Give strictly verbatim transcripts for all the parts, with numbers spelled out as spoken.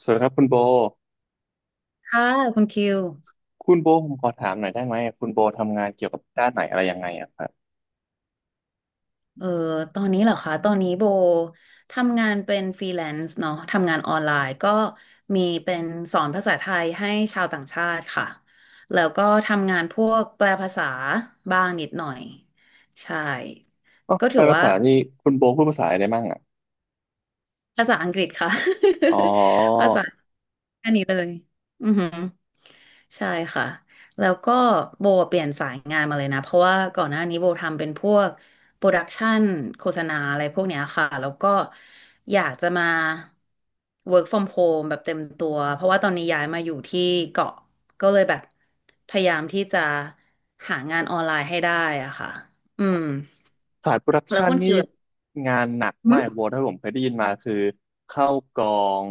สวัสดีครับคุณโบค่ะคุณคิวคุณโบผมขอถามหน่อยได้ไหมคุณโบทำงานเกี่ยวกับด้านไหนอะไรยังไงอะครับเอ่อตอนนี้เหรอคะตอนนี้โบทำงานเป็นฟรีแลนซ์เนาะทำงานออนไลน์ก็มีเป็นสอนภาษาไทยให้ชาวต่างชาติค่ะแล้วก็ทำงานพวกแปลภาษาบ้างนิดหน่อยใช่อ๋อก็แปถืลอภาว่าษานี่คุณโบพูดภาษาอะไรมั่งอะภาษาอังกฤษค่ะ อ๋อ ภาษาแค่นี้เลยอือหือ ใช่ค่ะแล้วก็โบเปลี่ยนสายงานมาเลยนะเพราะว่าก่อนหน้านี้โบทำเป็นพวกโปรดักชันโฆษณาอะไรพวกเนี้ยค่ะแล้วก็อยากจะมา work from home แบบเต็มตัวเพราะว่าตอนนี้ย้ายมาอยู่ที่เกาะก็เลยแบบพยายามที่จะหางานออนไลน์ให้ได้อะค่ะอืมสายโปรดักแล้วชันคุณนี่คิวล่ะงานหนักหึมากโบถ้าผมเคยได้ยินมาคือเข้ากอง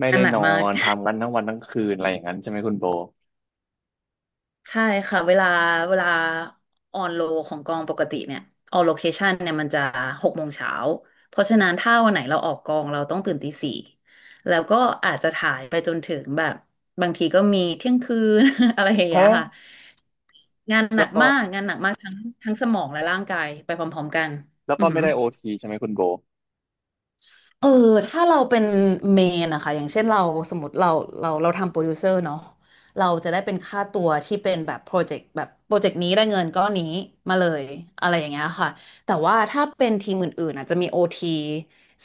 ไม่อัได้นหนันกอมาก นทำกันทั้งวันทั้งคืนอะไรอย่างนั้นใช่ไหมคุณโบใช่ค่ะเวลาเวลาออนโลของกองปกติเนี่ยออนโลเคชันเนี่ยมันจะหกโมงเช้าเพราะฉะนั้นถ้าวันไหนเราออกกองเราต้องตื่นตีสี่แล้วก็อาจจะถ่ายไปจนถึงแบบบางทีก็มีเที่ยงคืน อะไรอย่างเงี้ยฮะค่ะงานหแล้นัวกก็มากงานหนักมากทั้งทั้งสมองและร่างกายไปพร้อมๆกันแล้วอืก็อหืไม่อ ได้โอทีใช่ไหมคุณโบเออถ้าเราเป็นเมนอะคะอย่างเช่นเราสมมติเราเราเราทำโปรดิวเซอร์เนาะเราจะได้เป็นค่าตัวที่เป็นแบบโปรเจกต์แบบโปรเจกต์นี้ได้เงินก้อนนี้มาเลยอะไรอย่างเงี้ยค่ะแต่ว่าถ้าเป็นทีมอื่นๆอาจจะมีโอที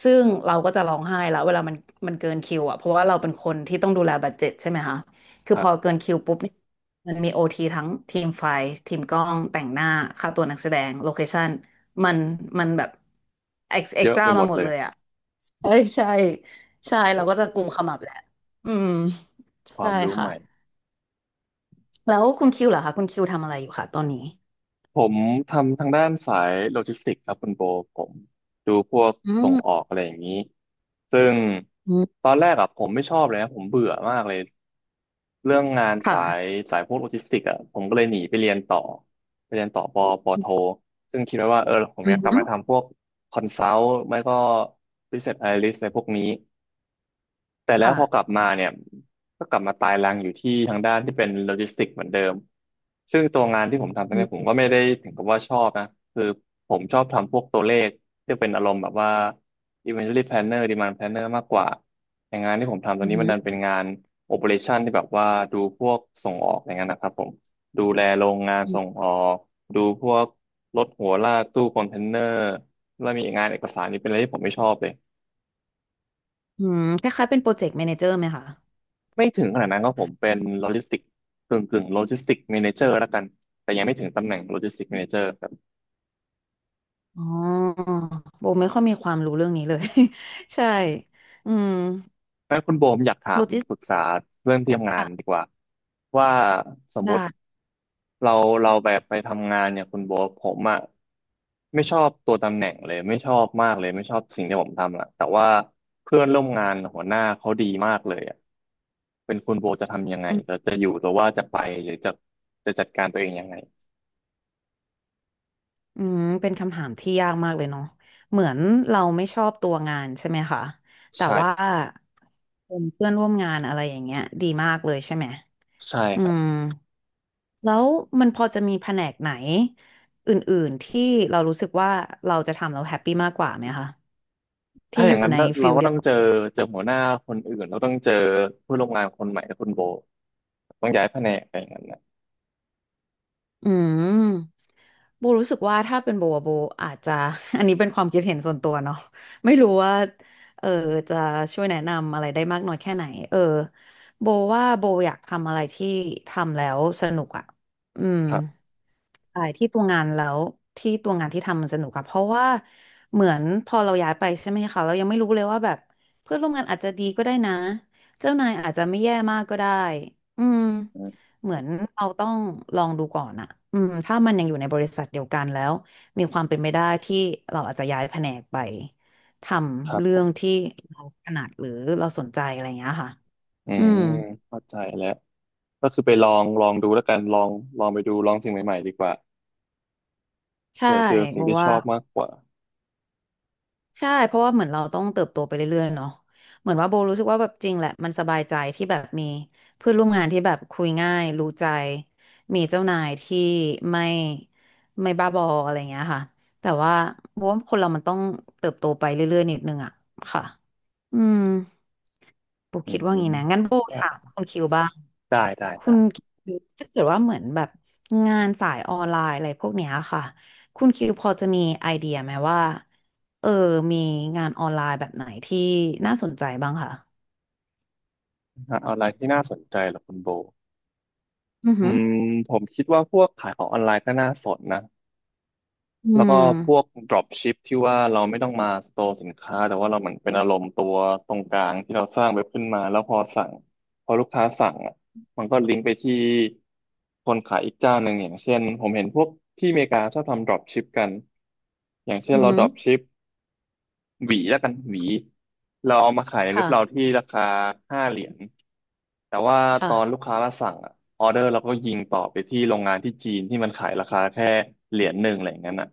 ซึ่งเราก็จะร้องไห้แล้วเวลามันมันเกินคิวอะเพราะว่าเราเป็นคนที่ต้องดูแลบัดเจ็ตใช่ไหมคะคือคพรัอบเกินคิวปุ๊บเนี่ยมันมีโอทีทั้งทีมไฟทีมกล้องแต่งหน้าค่าตัวนักแสดงโลเคชั่นมันมันแบบเอ็กซ์เอ็เยกซ์อะตไปร้าหมมาดหมเลดยเลยอะ ใช่ใช่ใช่เราโอ้ก็จะกลุ่มขมับแหละอืมคใช่วามรู้ค่ะใหม่ แล้วคุณคิวเหรอคะคุณคิวทำอะไรอยู่คะตอนนี้ผมทำทางด้านสายโลจิสติกส์ครับคุณโบผมดูพวกอืส่งออมกอะไรอย่างนี้ซึ่งอืตมอนแรกอะผมไม่ชอบเลยนะผมเบื่อมากเลยเรื่องงานสายค่ะสายพวกโลจิสติกส์อะผมก็เลยหนีไปเรียนต่อไปเรียนต่อปอปอโทซึ่งคิดไว้ว่าเออผมอือยากกลับมามทำพวกคอนซัลท์ไม่ก็ business analyst อะไรพวกนี้ แต่แล้วพอกลับค่ะมาเนี่ยก็กลับมาตายรังอยู่ที่ทางด้านที่เป็นโลจิสติกส์เหมือนเดิมซึ่งตัวงานที่ผมทำตอนอืนี้มผมก็ไม่ได้ถึงกับว่าชอบนะคือผมชอบทำพวกตัวเลขที่เป็นอารมณ์แบบว่า inventory planner demand planner มากกว่าอย่างงานที่ผมทำตออืนนี้มมันดัอนเป็นงาน operation ที่แบบว่าดูพวกส่งออกอย่างนั้นนะครับผมดูแลโรงงานืส่มงออกดูพวกรถหัวลากตู้คอนเทนเนอร์แล้วมีงานเอกสารนี่เป็นอะไรที่ผมไม่ชอบเลย อืมคล้ายๆเป็นโปรเจกต์แมเนเจอร์ไหมคะไม่ถึงขนาดนั้นก็ผมเป็นโลจิสติกกึ่งกึ่งโลจิสติกแมเนเจอร์แล้วกันแต่ยังไม่ถึงตำแหน่งโลจิสติกแมเนเจอร์ครับอ๋อโบไม่ค่อยมีความรู้เรื่องนี้เลย ใช่อืมงั้นคุณโบผมอยากถาโลมจิสปติกรึกส์ษาเรื่องที่ทำงานดีค่ะกว่าว่าสมมได้ ติเราเราแบบไปทำงานเนี่ยคุณโบผมอะไม่ชอบตัวตำแหน่งเลยไม่ชอบมากเลยไม่ชอบสิ่งที่ผมทำอะแต่ว่าเพื่อนร่วมงานหัวหน้าเขาดีมากเลยอะเป็นคุณโบจะทำยังไงจะจะอยู่หรือว่าจะไปหรือจะจะจัดการตัวเองยังไงอืมเป็นคำถามที่ยากมากเลยเนาะเหมือนเราไม่ชอบตัวงานใช่ไหมคะแต่ว่าใช่เป็นเพื่อนร่วมงานอะไรอย่างเงี้ยดีมากเลยใช่ไหมใช่อืครับ มแล้วมันพอจะมีแผนกไหนอื่นๆที่เรารู้สึกว่าเราจะทำแล้วแฮปปี้มากกว่าไหมคะถ้าที่ออย่างยู่นั้นในเราฟิลก็เดีต้ยอวงเจอเจอหัวหน้าคนอื่นเราต้องเจอผู้ร่วมงานคนใหม่คุณโบต้องย้ายแผนกอะไรอย่างนั้นนะอืม โบรู้สึกว่าถ้าเป็นโบอะโบอาจจะ อันนี้เป็นความคิดเห็นส่วนตัวเนาะไม่รู้ว่าเออจะช่วยแนะนำอะไรได้มากน้อยแค่ไหนเออโบว่าโบอยากทำอะไรที่ทำแล้วสนุกอ่ะอืม ครับใช่ที่ตัวงานแล้วที่ตัวงานที่ทำมันสนุกอะเพราะว่าเหมือนพอเราย้ายไปใช่ไหมคะเรายังไม่รู้เลยว่าแบบเพื่อนร่วมงานอาจจะดีก็ได้นะเจ้านายอาจจะไม่แย่มากก็ได้อืมอืมเหมือนเราต้องลองดูก่อนอะอืมถ้ามันยังอยู่ในบริษัทเดียวกันแล้วมีความเป็นไปได้ที่เราอาจจะย้ายแผนกไปทครัำบเรื่ผอมงที่เราถนัดหรือเราสนใจอะไรอย่างเงี้ยค่ะอือืมมเข้าใจแล้วก็คือไปลองลองดูแล้วกันลองลองไปดูลองสิ่งใหม่ๆดีกว่าใช่เผื่อเจอสิ่บงอกที่ชว่า อบมากกว่าใช่เพราะว่าเหมือนเราต้องเติบโตไปเรื่อยๆเนาะเหมือนว่าโบรู้สึกว่าแบบจริงแหละมันสบายใจที่แบบมีเพื่อนร่วมงานที่แบบคุยง่ายรู้ใจมีเจ้านายที่ไม่ไม่บ้าบออะไรอย่างเงี้ยค่ะแต่ว่าโบว่าคนเรามันต้องเติบโตไปเรื่อยๆนิดนึงอะค่ะอืม โบอืคิมดว่างี้นะงั้นโบได้ถามคุณคิวบ้างได้ได้คุณคิวถ้าเกิดว่าเหมือนแบบงานสายออนไลน์อะไรพวกเนี้ยค่ะคุณคิวพอจะมีไอเดียไหมว่าเออมีงานออนไลน์แบบไหนที่น่าสนใจบ้างค่ะหาออนไลน์ที่น่าสนใจเหรอคุณโบอืออืหือมผมคิดว่าพวกขายของออนไลน์ก็น่าสนนะ อืแล้วก็พวก ม drop ship ที่ว่าเราไม่ต้องมาสโตร์สินค้าแต่ว่าเราเหมือนเป็นอารมณ์ตัวตรงกลางที่เราสร้างเว็บขึ้นมาแล้วพอสั่งพอลูกค้าสั่งอ่ะมันก็ลิงก์ไปที่คนขายอีกเจ้าหนึ่งอย่างเช่นผมเห็นพวกที่อเมริกาชอบทำ drop ship กันอย่างเช่อืนอเรา หือ drop ship หวีแล้วกันหวีเราเอามาขายในเว็บค่ะเราที่ราคาห้าเหรียญแต่ว่าตอนลูค่ะกค้ามาสั่งอ่ะออเดอร์เราก็ยิงต่อไปที่โรงงานที่จีนที่มันขายราคาแค่เหรียญหนึ่งอะไรอย่างนั้นอ่ะ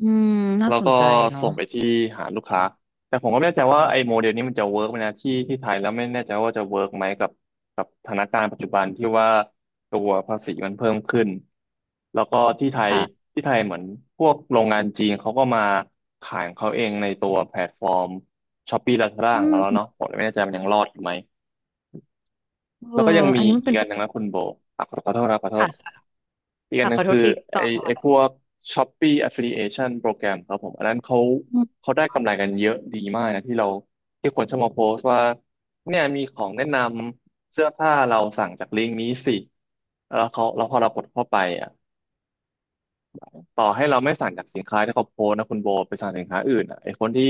อืมน่าแล้วสก็นใจเนาะส่งไปที่หาลูกค้า แต่ผมก็ไม่แน่ใจว่าไอ้โมเดลนี้มันจะเวิร์กไหมนะที่ที่ไทยแล้วไม่แน่ใจว่าจะเวิร์กไหมกับกับสถานการณ์ปัจจุบันที่ว่าตัวภาษีมันเพิ่มขึ้นแล้วก็ที่ไทยค่ะที่ไทยเหมือนพวกโรงงานจีนเขาก็มาขายของเขาเองในตัวแพลตฟอร์ม Shopee Lazada อืของเราแล้วมเนาะผมเลยไม่แน่ใจมันยังรอดอยู่ไหม เออแล้วก็ยังมีอันนี้มันอีเป็กนอัปันหญนึ่งนะคุณโบอ่ะขอขอโทษนะขอโทค่ะษค่ะอีกอันค่ะหขนึ่องโทคืษอทีไอต่อไอพวค่ก Shopee Affiliation โปรแกรมครับผมอันนั้นเขาะ เขาได้กำไรกันเยอะดีมากนะที่เราที่คนชอบมาโพสต์ว่าเนี่ยมีของแนะนำเสื้อผ้าเราสั่งจากลิงก์นี้สิแล้วเขาแล้วพอเรากดเข้าไปอ่ะ ต่อให้เราไม่สั่งจากสินค้าที่เขาโพสต์นะคุณโบไปสั่งสินค้าอื่นอ่ะไอคนที่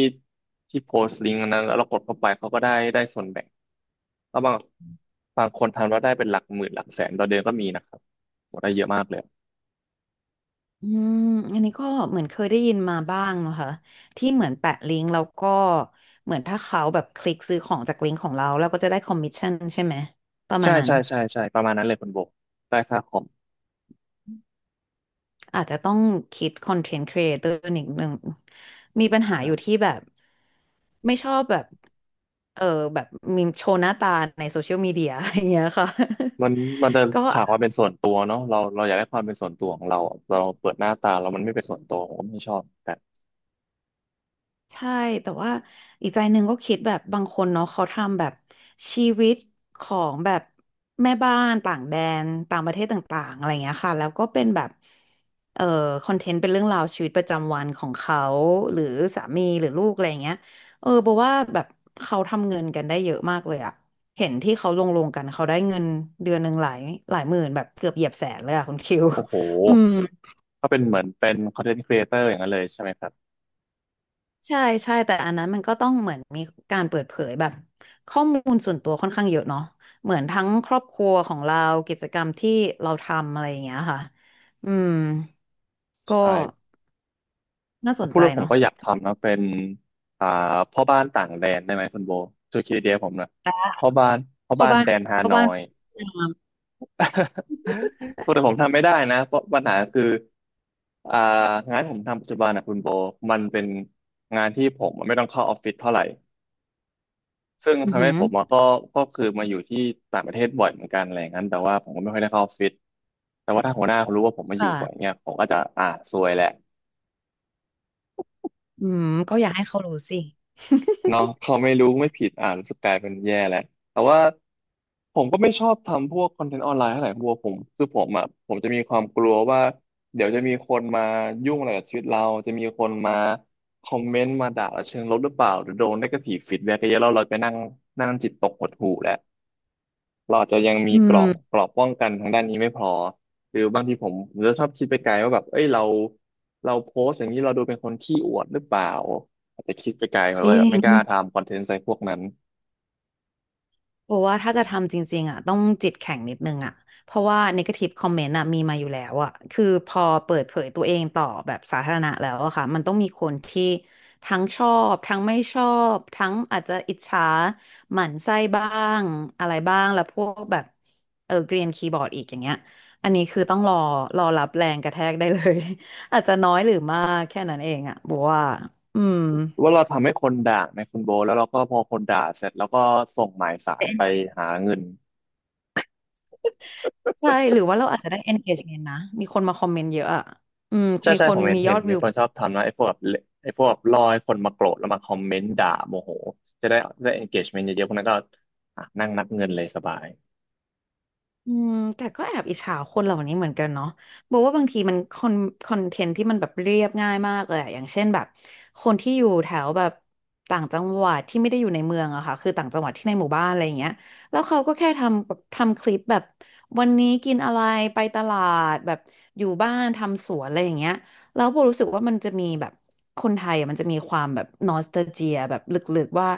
ที่โพสต์ลิงก์อันนั้นแล้วเรากดเข้าไปเขาก็ได้ได้ส่วนแบ่งแล้วบางบางคนทำแล้วได้เป็นหลักหมื่นหลักแสนต่อเดือนก็มีนะครับโหได้เยอะมากเลยอืมอันนี้ก็เหมือนเคยได้ยินมาบ้างนะคะที่เหมือนแปะลิงก์แล้วก็เหมือนถ้าเขาแบบคลิกซื้อของจากลิงก์ของเราเราก็จะได้คอมมิชชั่นใช่ไหมประมาใช่ณนั้นใช่ใช่ใช่ประมาณนั้นเลยคุณโบได้ค่าคอมอาจจะต้องคิดคอนเทนต์ครีเอเตอร์นิดนึงมีปัญหาใช่อยู่ที่แบบไม่ชอบแบบเออแบบมีโชว์หน้าตาในโซเชียลมีเดียอย่างเงี้ยค่ะ มันมันจะ ก็ ขาดความเป็นส่วนตัวเนาะเราเราอยากได้ความเป็นส่วนตัวของเราเราเปิดหน้าตาเรามันไม่เป็นส่วนตัวผมก็ไม่ชอบแต่ใช่แต่ว่าอีกใจหนึ่งก็คิดแบบบางคนเนาะเขาทำแบบชีวิตของแบบแม่บ้านต่างแดนต่างประเทศต่างๆอะไรเงี้ยค่ะแล้วก็เป็นแบบเอ่อคอนเทนต์เป็นเรื่องราวชีวิตประจำวันของเขาหรือสามีหรือลูกอะไรเงี้ยเออบอกว่าแบบเขาทำเงินกันได้เยอะมากเลยอะเห็นที่เขาลงลงกันเขาได้เงินเดือนหนึ่งหลายหลายหมื่นแบบเกือบเหยียบแสนเลยอะคุณคิว โอ้โห อืม ก็เป็นเหมือนเป็น content creator อย่างนั้นเลยใช่ไหมครับใช่ใช่แต่อันนั้นมันก็ต้องเหมือนมีการเปิดเผยแบบข้อมูลส่วนตัวค่อนข้างเยอะเนาะเหมือนทั้งครอบครัวของเรากิจกรรมที่เราทำอะไรอย่างเงี้ยค่ะอืมก็ใช่ น่าพสอนพูดใจแล้วผมเนาะก็อยากทำนะเป็นอ่าพ่อบ้านต่างแดนได้ไหมคุณโบช่วยคิดไอเดียผมหนะพ่อบ้านพ่อเข้าบ้านบ้านแดนฮาเข้านอบ้านย พยายาม แต่ผมทำไม่ได้นะเพราะปัญหาคืออ่างานผมทำปัจจุบันนะคุณโบมันเป็นงานที่ผมไม่ต้องเข้าออฟฟิศเท่าไหร่ซึ่งอือทำหืให้อผมอะก็ก็คือมาอยู่ที่ต่างประเทศบ่อยเหมือนกันอะไรอย่างนั้นแต่ว่าผมก็ไม่ค่อยได้เข้าออฟฟิศแต่ว่าถ้าหัวหน้าเขารู้ว่าผมมาอยู่ค่ะบ่อยเนี่ยผมก็จะอ่าซวยแหละ อืมก็อยากให้เขารู้สิ เนาะเขาไม่รู้ไม่ผิดอ่านรู้สึกกลายเป็นแย่แหละแต่ว่าผมก็ไม่ชอบทำพวกคอนเทนต์ออนไลน์เท่าไหร่บัวผมคือผมอ่ะผมจะมีความกลัวว่าเดี๋ยวจะมีคนมายุ่งอะไรกับชีวิตเราจะมีคนมาคอมเมนต์มาด่าเราเชิงลบหรือเปล่าหรือโดน negative feedback เยอะๆแล้วเราไปนั่งนั่งจิตตกหดหู่แหละ เราอาจจะยัง มีอืกรอมบกรอบป้องกันทางด้านนี้ไม่พอหรือบางทีผมผมจะชอบคิดไปไกลว่าแบบเอ้ยเราเราโพสต์อย่างนี้เราดูเป็นคนขี้อวดหรือเปล่าอาจจะคิดไปไกลเราจเลริยแบบไม่กล้าง ทำคอนเทนต์ใส่พวกนั้นเพราะว่าถ้าจะทำจริงๆอ่ะต้องจิตแข็งนิดนึงอ่ะเพราะว่า negative comment อ่ะมีมาอยู่แล้วอ่ะคือพอเปิดเผยตัวเองต่อแบบสาธารณะแล้วอะค่ะมันต้องมีคนที่ทั้งชอบทั้งไม่ชอบทั้งอาจจะอิจฉาหมั่นไส้บ้างอะไรบ้างแล้วพวกแบบเออเกรียนคีย์บอร์ดอีกอย่างเงี้ยอันนี้คือต้องรอรอรับแรงกระแทกได้เลย อาจจะน้อยหรือมากแค่นั้นเองอ่ะบอกว่าอืม หรือว่าเราทำให้คนด่าในคุณโบทแล้วเราก็พอคนด่าเสร็จแล้วก็ส่งหมายสารไปหาเงินใช่หรือว่าเราอาจจะได้ engagement นะมีคนมาคอมเมนต์เยอะอ่ะอืมใช่มีใช่คนผมเห็นมียเห็อนดวิมีว คนชอบทำนะไอ้พวกแบบเลไอ้พวกแบบรอให้คนมาโกรธแล้วมาคอมเมนต์ด่าโมโหจะได้ได้ engagement เยอะๆพวกนั้นก็อ่ะนั่งนับเงินเลยสบาย อืมแต่ก็แอบอิจฉาคนเหล่านี้เหมือนกันเนาะบอกว่าบางทีมันคอนคอนเทนต์ที่มันแบบเรียบง่ายมากเลยอะอย่างเช่นแบบคนที่อยู่แถวแบบต่างจังหวัดที่ไม่ได้อยู่ในเมืองอะค่ะคือต่างจังหวัดที่ในหมู่บ้านอะไรอย่างเงี้ยแล้วเขาก็แค่ทำแบบทำคลิปแบบวันนี้กินอะไรไปตลาดแบบอยู่บ้านทำสวนอะไรอย่างเงี้ยแล้วโบรู้สึกว่ามันจะมีแบบคนไทยอะมันจะมีความแบบนอสตาเจียแบบลึกๆว่า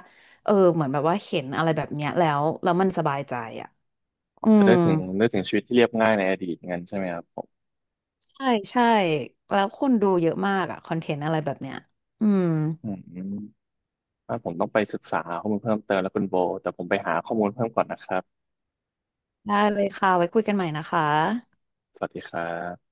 เออเหมือนแบบว่าเห็นอะไรแบบเนี้ยแล้วแล้วมันสบายใจอะอืจะม ได้ถึงได้ถึงชีวิตที่เรียบง่ายในอดีตงั้นใช่ไหมครับผมใช่ใช่แล้วคนดูเยอะมากอะคอนเทนต์อะไรแบบเนี้ยอืมอืมถ้าผมต้องไปศึกษาข้อมูลเพิ่มเติมแล้วคุณโบแต่ผมไปหาข้อมูลเพิ่มก่อนนะครับได้เลยค่ะไว้คุยกันใหม่นะคะสวัสดีครับ